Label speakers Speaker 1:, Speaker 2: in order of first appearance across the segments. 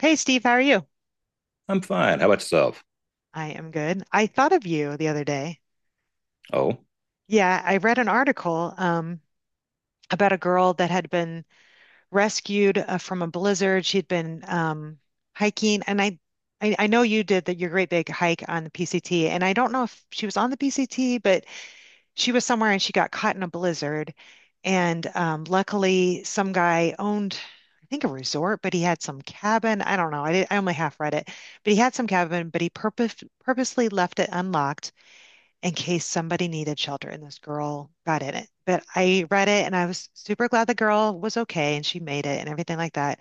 Speaker 1: Hey Steve, how are you?
Speaker 2: I'm fine. How about yourself?
Speaker 1: I am good. I thought of you the other day.
Speaker 2: Oh,
Speaker 1: Yeah, I read an article about a girl that had been rescued from a blizzard. She'd been hiking, and I know you did that your great big hike on the PCT, and I don't know if she was on the PCT, but she was somewhere and she got caught in a blizzard. And luckily, some guy owned, I think, a resort, but he had some cabin. I don't know. I only half read it, but he had some cabin, but purposely left it unlocked in case somebody needed shelter. And this girl got in it. But I read it and I was super glad the girl was okay and she made it and everything like that.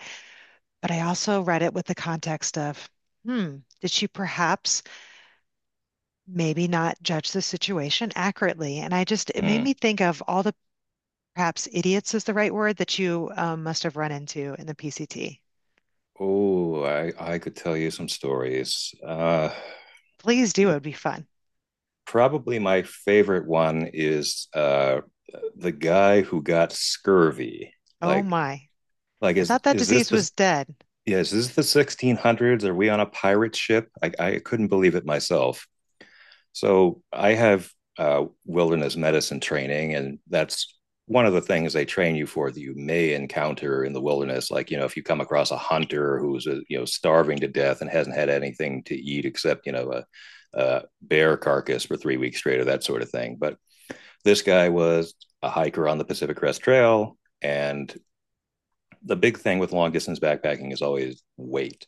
Speaker 1: But I also read it with the context of, did she perhaps maybe not judge the situation accurately. And it made
Speaker 2: hmm.
Speaker 1: me think of all the perhaps idiots is the right word that you must have run into in the PCT.
Speaker 2: Oh, I could tell you some stories.
Speaker 1: Please do.
Speaker 2: Yeah,
Speaker 1: It would be fun.
Speaker 2: probably my favorite one is the guy who got scurvy.
Speaker 1: Oh
Speaker 2: Like,
Speaker 1: my.
Speaker 2: like
Speaker 1: I thought that
Speaker 2: is this
Speaker 1: disease
Speaker 2: the
Speaker 1: was dead.
Speaker 2: yeah, is this the 1600s? Are we on a pirate ship? I couldn't believe it myself. So I have wilderness medicine training, and that's one of the things they train you for that you may encounter in the wilderness. Like, if you come across a hunter who's, starving to death and hasn't had anything to eat except, a bear carcass for 3 weeks straight, or that sort of thing. But this guy was a hiker on the Pacific Crest Trail. And the big thing with long distance backpacking is always weight.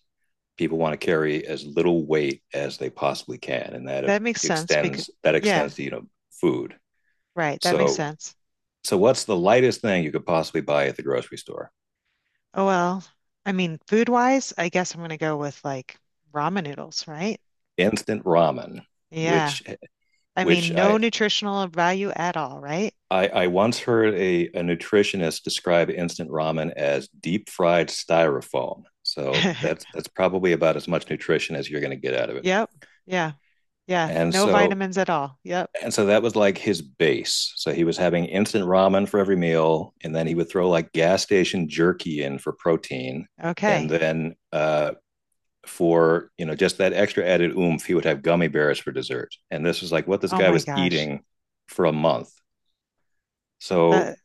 Speaker 2: People want to carry as little weight as they possibly can, and that
Speaker 1: That makes sense because,
Speaker 2: extends that
Speaker 1: yeah,
Speaker 2: extends to food.
Speaker 1: right. That makes
Speaker 2: So
Speaker 1: sense.
Speaker 2: so what's the lightest thing you could possibly buy at the grocery store?
Speaker 1: Oh, well, I mean, food wise, I guess I'm going to go with like ramen noodles, right?
Speaker 2: Instant ramen,
Speaker 1: Yeah.
Speaker 2: which
Speaker 1: I
Speaker 2: which
Speaker 1: mean, no
Speaker 2: I
Speaker 1: nutritional value at all, right?
Speaker 2: I, I once heard a nutritionist describe instant ramen as deep fried styrofoam. So that's that's probably about as much nutrition as you're going to get out of it.
Speaker 1: Yep. Yeah. Yeah.
Speaker 2: And
Speaker 1: No
Speaker 2: so
Speaker 1: vitamins at all. Yep.
Speaker 2: And so that was like his base. So he was having instant ramen for every meal, and then he would throw like gas station jerky in for protein, and
Speaker 1: Okay.
Speaker 2: then for just that extra added oomph, he would have gummy bears for dessert. And this was like what this
Speaker 1: Oh
Speaker 2: guy
Speaker 1: my
Speaker 2: was
Speaker 1: gosh.
Speaker 2: eating for a month. So
Speaker 1: That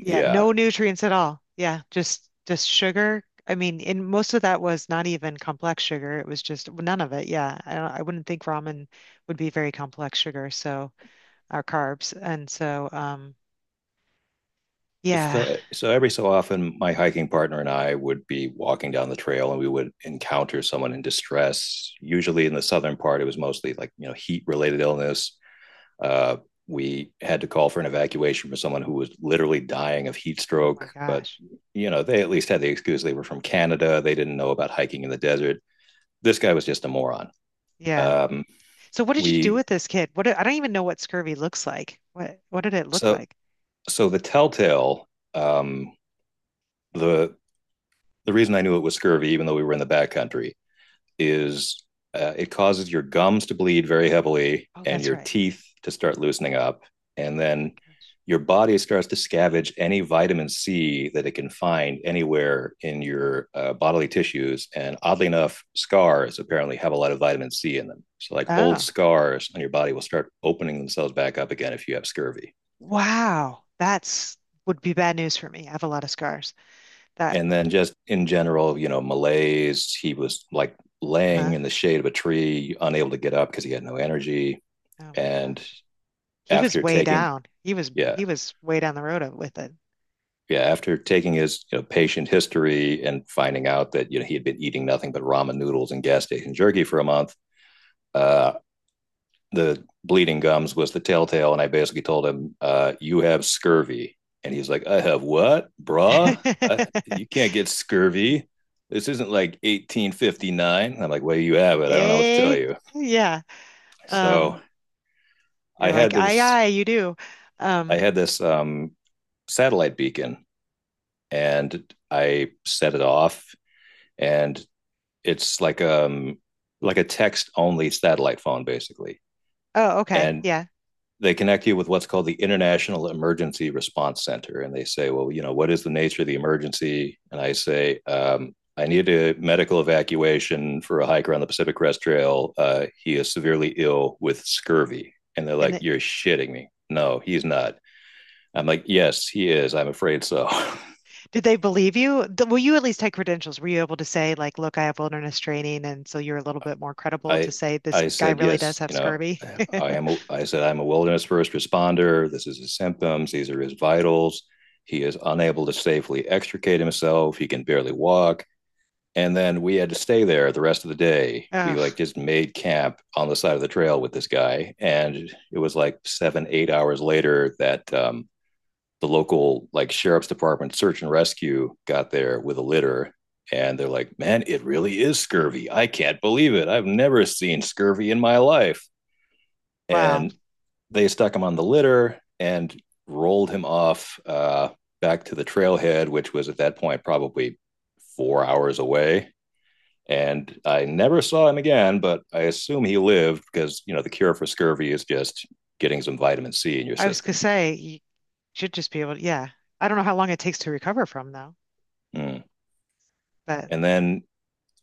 Speaker 1: Yeah,
Speaker 2: yeah,
Speaker 1: no nutrients at all. Yeah, just sugar. I mean, and most of that was not even complex sugar. It was just none of it. Yeah, I wouldn't think ramen would be very complex sugar, so our carbs. And so,
Speaker 2: it's
Speaker 1: yeah.
Speaker 2: so so every so often my hiking partner and I would be walking down the trail and we would encounter someone in distress. Usually in the southern part, it was mostly like heat related illness. Uh, we had to call for an evacuation for someone who was literally dying of heat
Speaker 1: Oh my
Speaker 2: stroke. But,
Speaker 1: gosh.
Speaker 2: they at least had the excuse they were from Canada. They didn't know about hiking in the desert. This guy was just a moron.
Speaker 1: Yeah.
Speaker 2: Um,
Speaker 1: So what did you do
Speaker 2: we,
Speaker 1: with this kid? What I don't even know what scurvy looks like. What did it look
Speaker 2: so,
Speaker 1: like?
Speaker 2: so, the telltale, um, the, the reason I knew it was scurvy, even though we were in the backcountry, is it causes your gums to bleed very heavily
Speaker 1: Oh,
Speaker 2: and
Speaker 1: that's
Speaker 2: your
Speaker 1: right.
Speaker 2: teeth to start loosening up. And
Speaker 1: Oh my
Speaker 2: then
Speaker 1: gosh.
Speaker 2: your body starts to scavenge any vitamin C that it can find anywhere in your bodily tissues. And oddly enough, scars apparently have a lot of vitamin C in them. So, like, old
Speaker 1: Oh,
Speaker 2: scars on your body will start opening themselves back up again if you have scurvy.
Speaker 1: wow. That's Would be bad news for me. I have a lot of scars. That,
Speaker 2: And then, just in general, malaise. He was like laying
Speaker 1: uh-huh.
Speaker 2: in the shade of a tree, unable to get up because he had no energy.
Speaker 1: Oh my
Speaker 2: And
Speaker 1: gosh. He was
Speaker 2: after
Speaker 1: way
Speaker 2: taking
Speaker 1: down. He was
Speaker 2: yeah
Speaker 1: he was way down the road with it.
Speaker 2: yeah after taking his, patient history and finding out that he had been eating nothing but ramen noodles and gas station jerky for a month, uh, the bleeding gums was the telltale, and I basically told him, "You have scurvy." And he's like, "I have what, bruh? uh, you can't get scurvy. This isn't like 1859." I'm like, "Well, you have it. I don't know what to tell
Speaker 1: Eh?
Speaker 2: you."
Speaker 1: Yeah.
Speaker 2: So
Speaker 1: Um,
Speaker 2: i
Speaker 1: you're like,
Speaker 2: had
Speaker 1: aye,
Speaker 2: this
Speaker 1: aye, you do.
Speaker 2: i
Speaker 1: Um,
Speaker 2: had this satellite beacon, and I set it off. And it's like, like a text only satellite phone basically.
Speaker 1: oh, okay.
Speaker 2: And
Speaker 1: Yeah.
Speaker 2: they connect you with what's called the International Emergency Response Center, and they say, "Well, what is the nature of the emergency?" And I say, "I need a medical evacuation for a hiker on the Pacific Crest Trail. He is severely ill with scurvy." And they're
Speaker 1: And
Speaker 2: like,
Speaker 1: the,
Speaker 2: "You're shitting me. No, he's not." I'm like, "Yes, he is, I'm afraid so."
Speaker 1: did they believe you? Well, you at least had credentials. Were you able to say, like, look, I have wilderness training, and so you're a little bit more credible to
Speaker 2: I
Speaker 1: say this
Speaker 2: I
Speaker 1: guy
Speaker 2: said,
Speaker 1: really does
Speaker 2: "Yes."
Speaker 1: have
Speaker 2: You know,
Speaker 1: scurvy?
Speaker 2: I am. A, I said, "I'm a wilderness first responder. This is his symptoms. These are his vitals. He is unable to safely extricate himself. He can barely walk." And then we had to stay there the rest of the day. We
Speaker 1: Ugh,
Speaker 2: like just made camp on the side of the trail with this guy, and it was like 7, 8 hours later that the local like sheriff's department search and rescue got there with a litter. And they're like, "Man, it really is scurvy. I can't believe it. I've never seen scurvy in my life."
Speaker 1: wow.
Speaker 2: And they stuck him on the litter and rolled him off, back to the trailhead, which was at that point probably 4 hours away. And I never saw him again, but I assume he lived, because the cure for scurvy is just getting some vitamin C in your
Speaker 1: I was gonna
Speaker 2: system.
Speaker 1: say you should just be able to, yeah. I don't know how long it takes to recover from though,
Speaker 2: Mm.
Speaker 1: but
Speaker 2: And then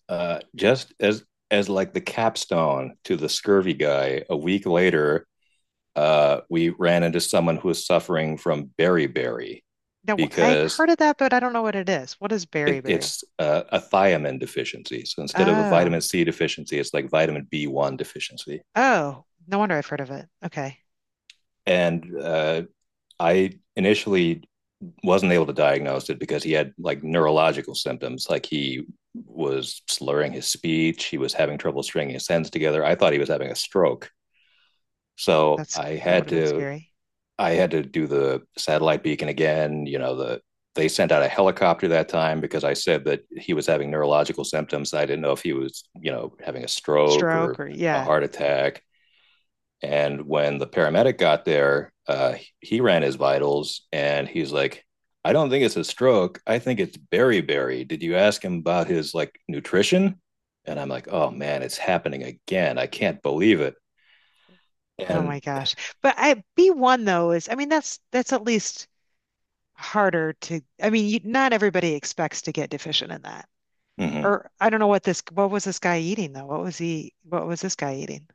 Speaker 2: just as, like, the capstone to the scurvy guy, a week later, we ran into someone who was suffering from beriberi.
Speaker 1: no, I've
Speaker 2: Because
Speaker 1: heard of that, but I don't know what it is. What is beriberi?
Speaker 2: it's a thiamine deficiency. So instead of a
Speaker 1: Oh,
Speaker 2: vitamin C deficiency, it's like vitamin B1 deficiency.
Speaker 1: oh, no wonder I've heard of it. Okay,
Speaker 2: And I initially wasn't able to diagnose it because he had like neurological symptoms. Like, he was slurring his speech, he was having trouble stringing his sentences together. I thought he was having a stroke. So
Speaker 1: that's
Speaker 2: I
Speaker 1: that would
Speaker 2: had
Speaker 1: have been
Speaker 2: to
Speaker 1: scary.
Speaker 2: I had to do the satellite beacon again. You know, they sent out a helicopter that time because I said that he was having neurological symptoms. I didn't know if he was, having a stroke
Speaker 1: Stroke
Speaker 2: or
Speaker 1: or
Speaker 2: a
Speaker 1: yeah.
Speaker 2: heart attack. And when the paramedic got there, he ran his vitals and he's like, "I don't think it's a stroke. I think it's beriberi. Did you ask him about his like nutrition?" And I'm like, "Oh man, it's happening again. I can't believe it."
Speaker 1: Oh
Speaker 2: And
Speaker 1: my gosh. But I B1 though is, I mean, that's at least harder to. I mean, you, not everybody expects to get deficient in that.
Speaker 2: mm-hmm.
Speaker 1: Or I don't know what this. What was this guy eating though? What was he? What was this guy eating?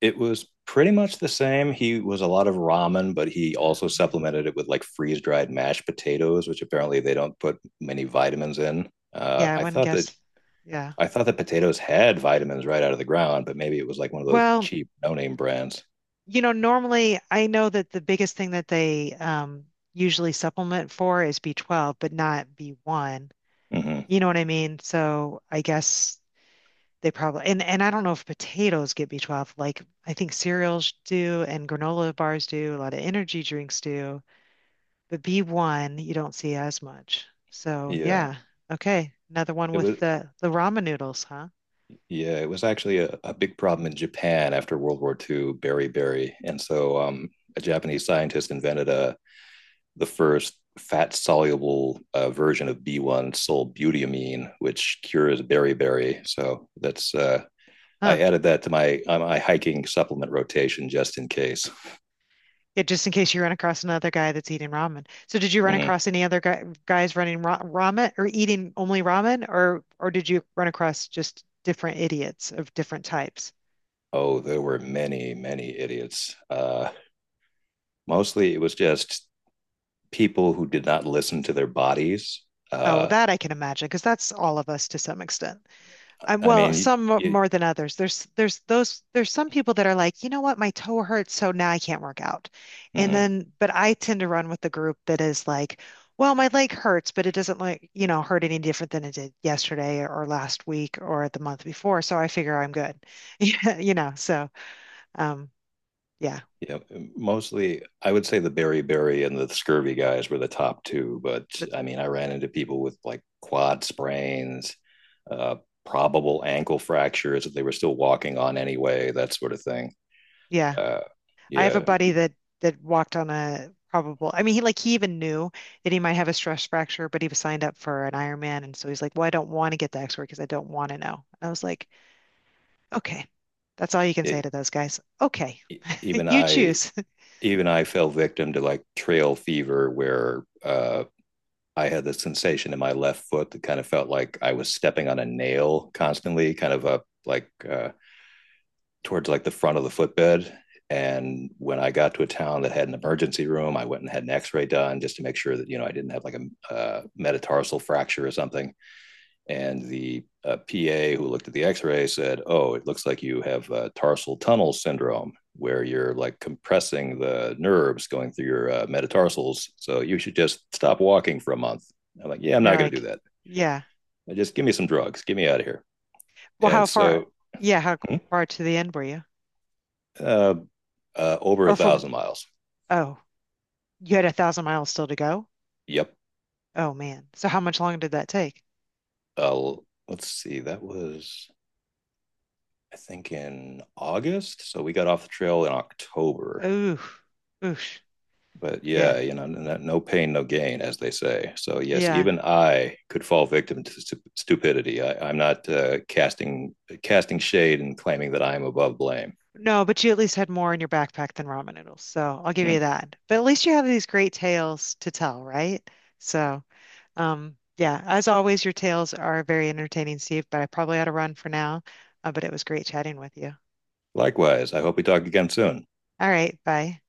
Speaker 2: It was pretty much the same. He was a lot of ramen, but he also
Speaker 1: Man.
Speaker 2: supplemented it with like freeze dried mashed potatoes, which apparently they don't put many vitamins in.
Speaker 1: Yeah, I wouldn't guess. Yeah.
Speaker 2: I thought that potatoes had vitamins right out of the ground, but maybe it was like one of those
Speaker 1: Well,
Speaker 2: cheap no name brands.
Speaker 1: you know, normally I know that the biggest thing that they usually supplement for is B12, but not B1.
Speaker 2: Hmm.
Speaker 1: You know what I mean? So I guess they probably and I don't know if potatoes get B12. Like I think cereals do and granola bars do, a lot of energy drinks do, but B1 you don't see as much. So
Speaker 2: Yeah,
Speaker 1: yeah, okay, another one
Speaker 2: it was.
Speaker 1: with the ramen noodles, huh?
Speaker 2: Yeah, it was actually a big problem in Japan after World War II, berry berry, and so a Japanese scientist invented a the first fat soluble version of B1 solbutamine, which cures beriberi. So that's I
Speaker 1: Huh.
Speaker 2: added that to my my hiking supplement rotation just in case.
Speaker 1: Yeah, just in case you run across another guy that's eating ramen. So did you run
Speaker 2: Mm.
Speaker 1: across any other guy, guys running ra ramen or eating only ramen or did you run across just different idiots of different types?
Speaker 2: Oh, there were many idiots. Mostly it was just people who did not listen to their bodies.
Speaker 1: Oh,
Speaker 2: Uh,
Speaker 1: that I can imagine because that's all of us to some extent.
Speaker 2: I
Speaker 1: Well,
Speaker 2: mean, it,
Speaker 1: more than others. There's some people that are like, you know what, my toe hurts, so now I can't work out. And
Speaker 2: mm.
Speaker 1: then, but I tend to run with the group that is like, well, my leg hurts, but it doesn't like, you know, hurt any different than it did yesterday or last week or the month before. So I figure I'm good. Yeah, you know, um yeah.
Speaker 2: Yeah, mostly I would say the beriberi and the scurvy guys were the top two, but
Speaker 1: But
Speaker 2: I mean, I ran into people with like quad sprains, uh, probable ankle fractures that they were still walking on anyway, that sort of thing.
Speaker 1: yeah.
Speaker 2: Uh,
Speaker 1: I have a
Speaker 2: yeah,
Speaker 1: buddy that walked on a probable. I mean, he even knew that he might have a stress fracture, but he was signed up for an Ironman, and so he's like, "Well, I don't want to get the X-ray because I don't want to know." And I was like, "Okay, that's all you can
Speaker 2: it,
Speaker 1: say to
Speaker 2: it-
Speaker 1: those guys. Okay,
Speaker 2: even
Speaker 1: you
Speaker 2: I
Speaker 1: choose."
Speaker 2: even I fell victim to like trail fever, where I had the sensation in my left foot that kind of felt like I was stepping on a nail constantly, kind of a like. Towards like the front of the footbed. And when I got to a town that had an emergency room, I went and had an X-ray done just to make sure that I didn't have like a metatarsal fracture or something. And the PA who looked at the X-ray said, "Oh, it looks like you have tarsal tunnel syndrome, where you're like compressing the nerves going through your metatarsals. So you should just stop walking for a month." I'm like, "Yeah, I'm
Speaker 1: And you're
Speaker 2: not going to
Speaker 1: like,
Speaker 2: do that.
Speaker 1: "Yeah.
Speaker 2: Just give me some drugs. Get me out of here."
Speaker 1: Well,
Speaker 2: And
Speaker 1: how far?
Speaker 2: so,
Speaker 1: Yeah, how
Speaker 2: hmm,
Speaker 1: far to the end were you?
Speaker 2: uh, over a
Speaker 1: Or from?
Speaker 2: thousand miles.
Speaker 1: Oh, you had 1,000 miles still to go.
Speaker 2: Yep.
Speaker 1: Oh man. So how much longer did that take?
Speaker 2: uh, let's see, that was I think in August. So we got off the trail in October.
Speaker 1: Ooh, oosh.
Speaker 2: But
Speaker 1: Yeah,
Speaker 2: yeah, no pain, no gain, as they say. So yes,
Speaker 1: yeah.
Speaker 2: even I could fall victim to stupidity. I'm not casting shade and claiming that I am above blame.
Speaker 1: No, but you at least had more in your backpack than ramen noodles, so I'll give you
Speaker 2: Mm.
Speaker 1: that. But at least you have these great tales to tell, right? So, yeah, as always, your tales are very entertaining, Steve, but I probably ought to run for now. But it was great chatting with you.
Speaker 2: Likewise, I hope we talk again soon.
Speaker 1: All right, bye.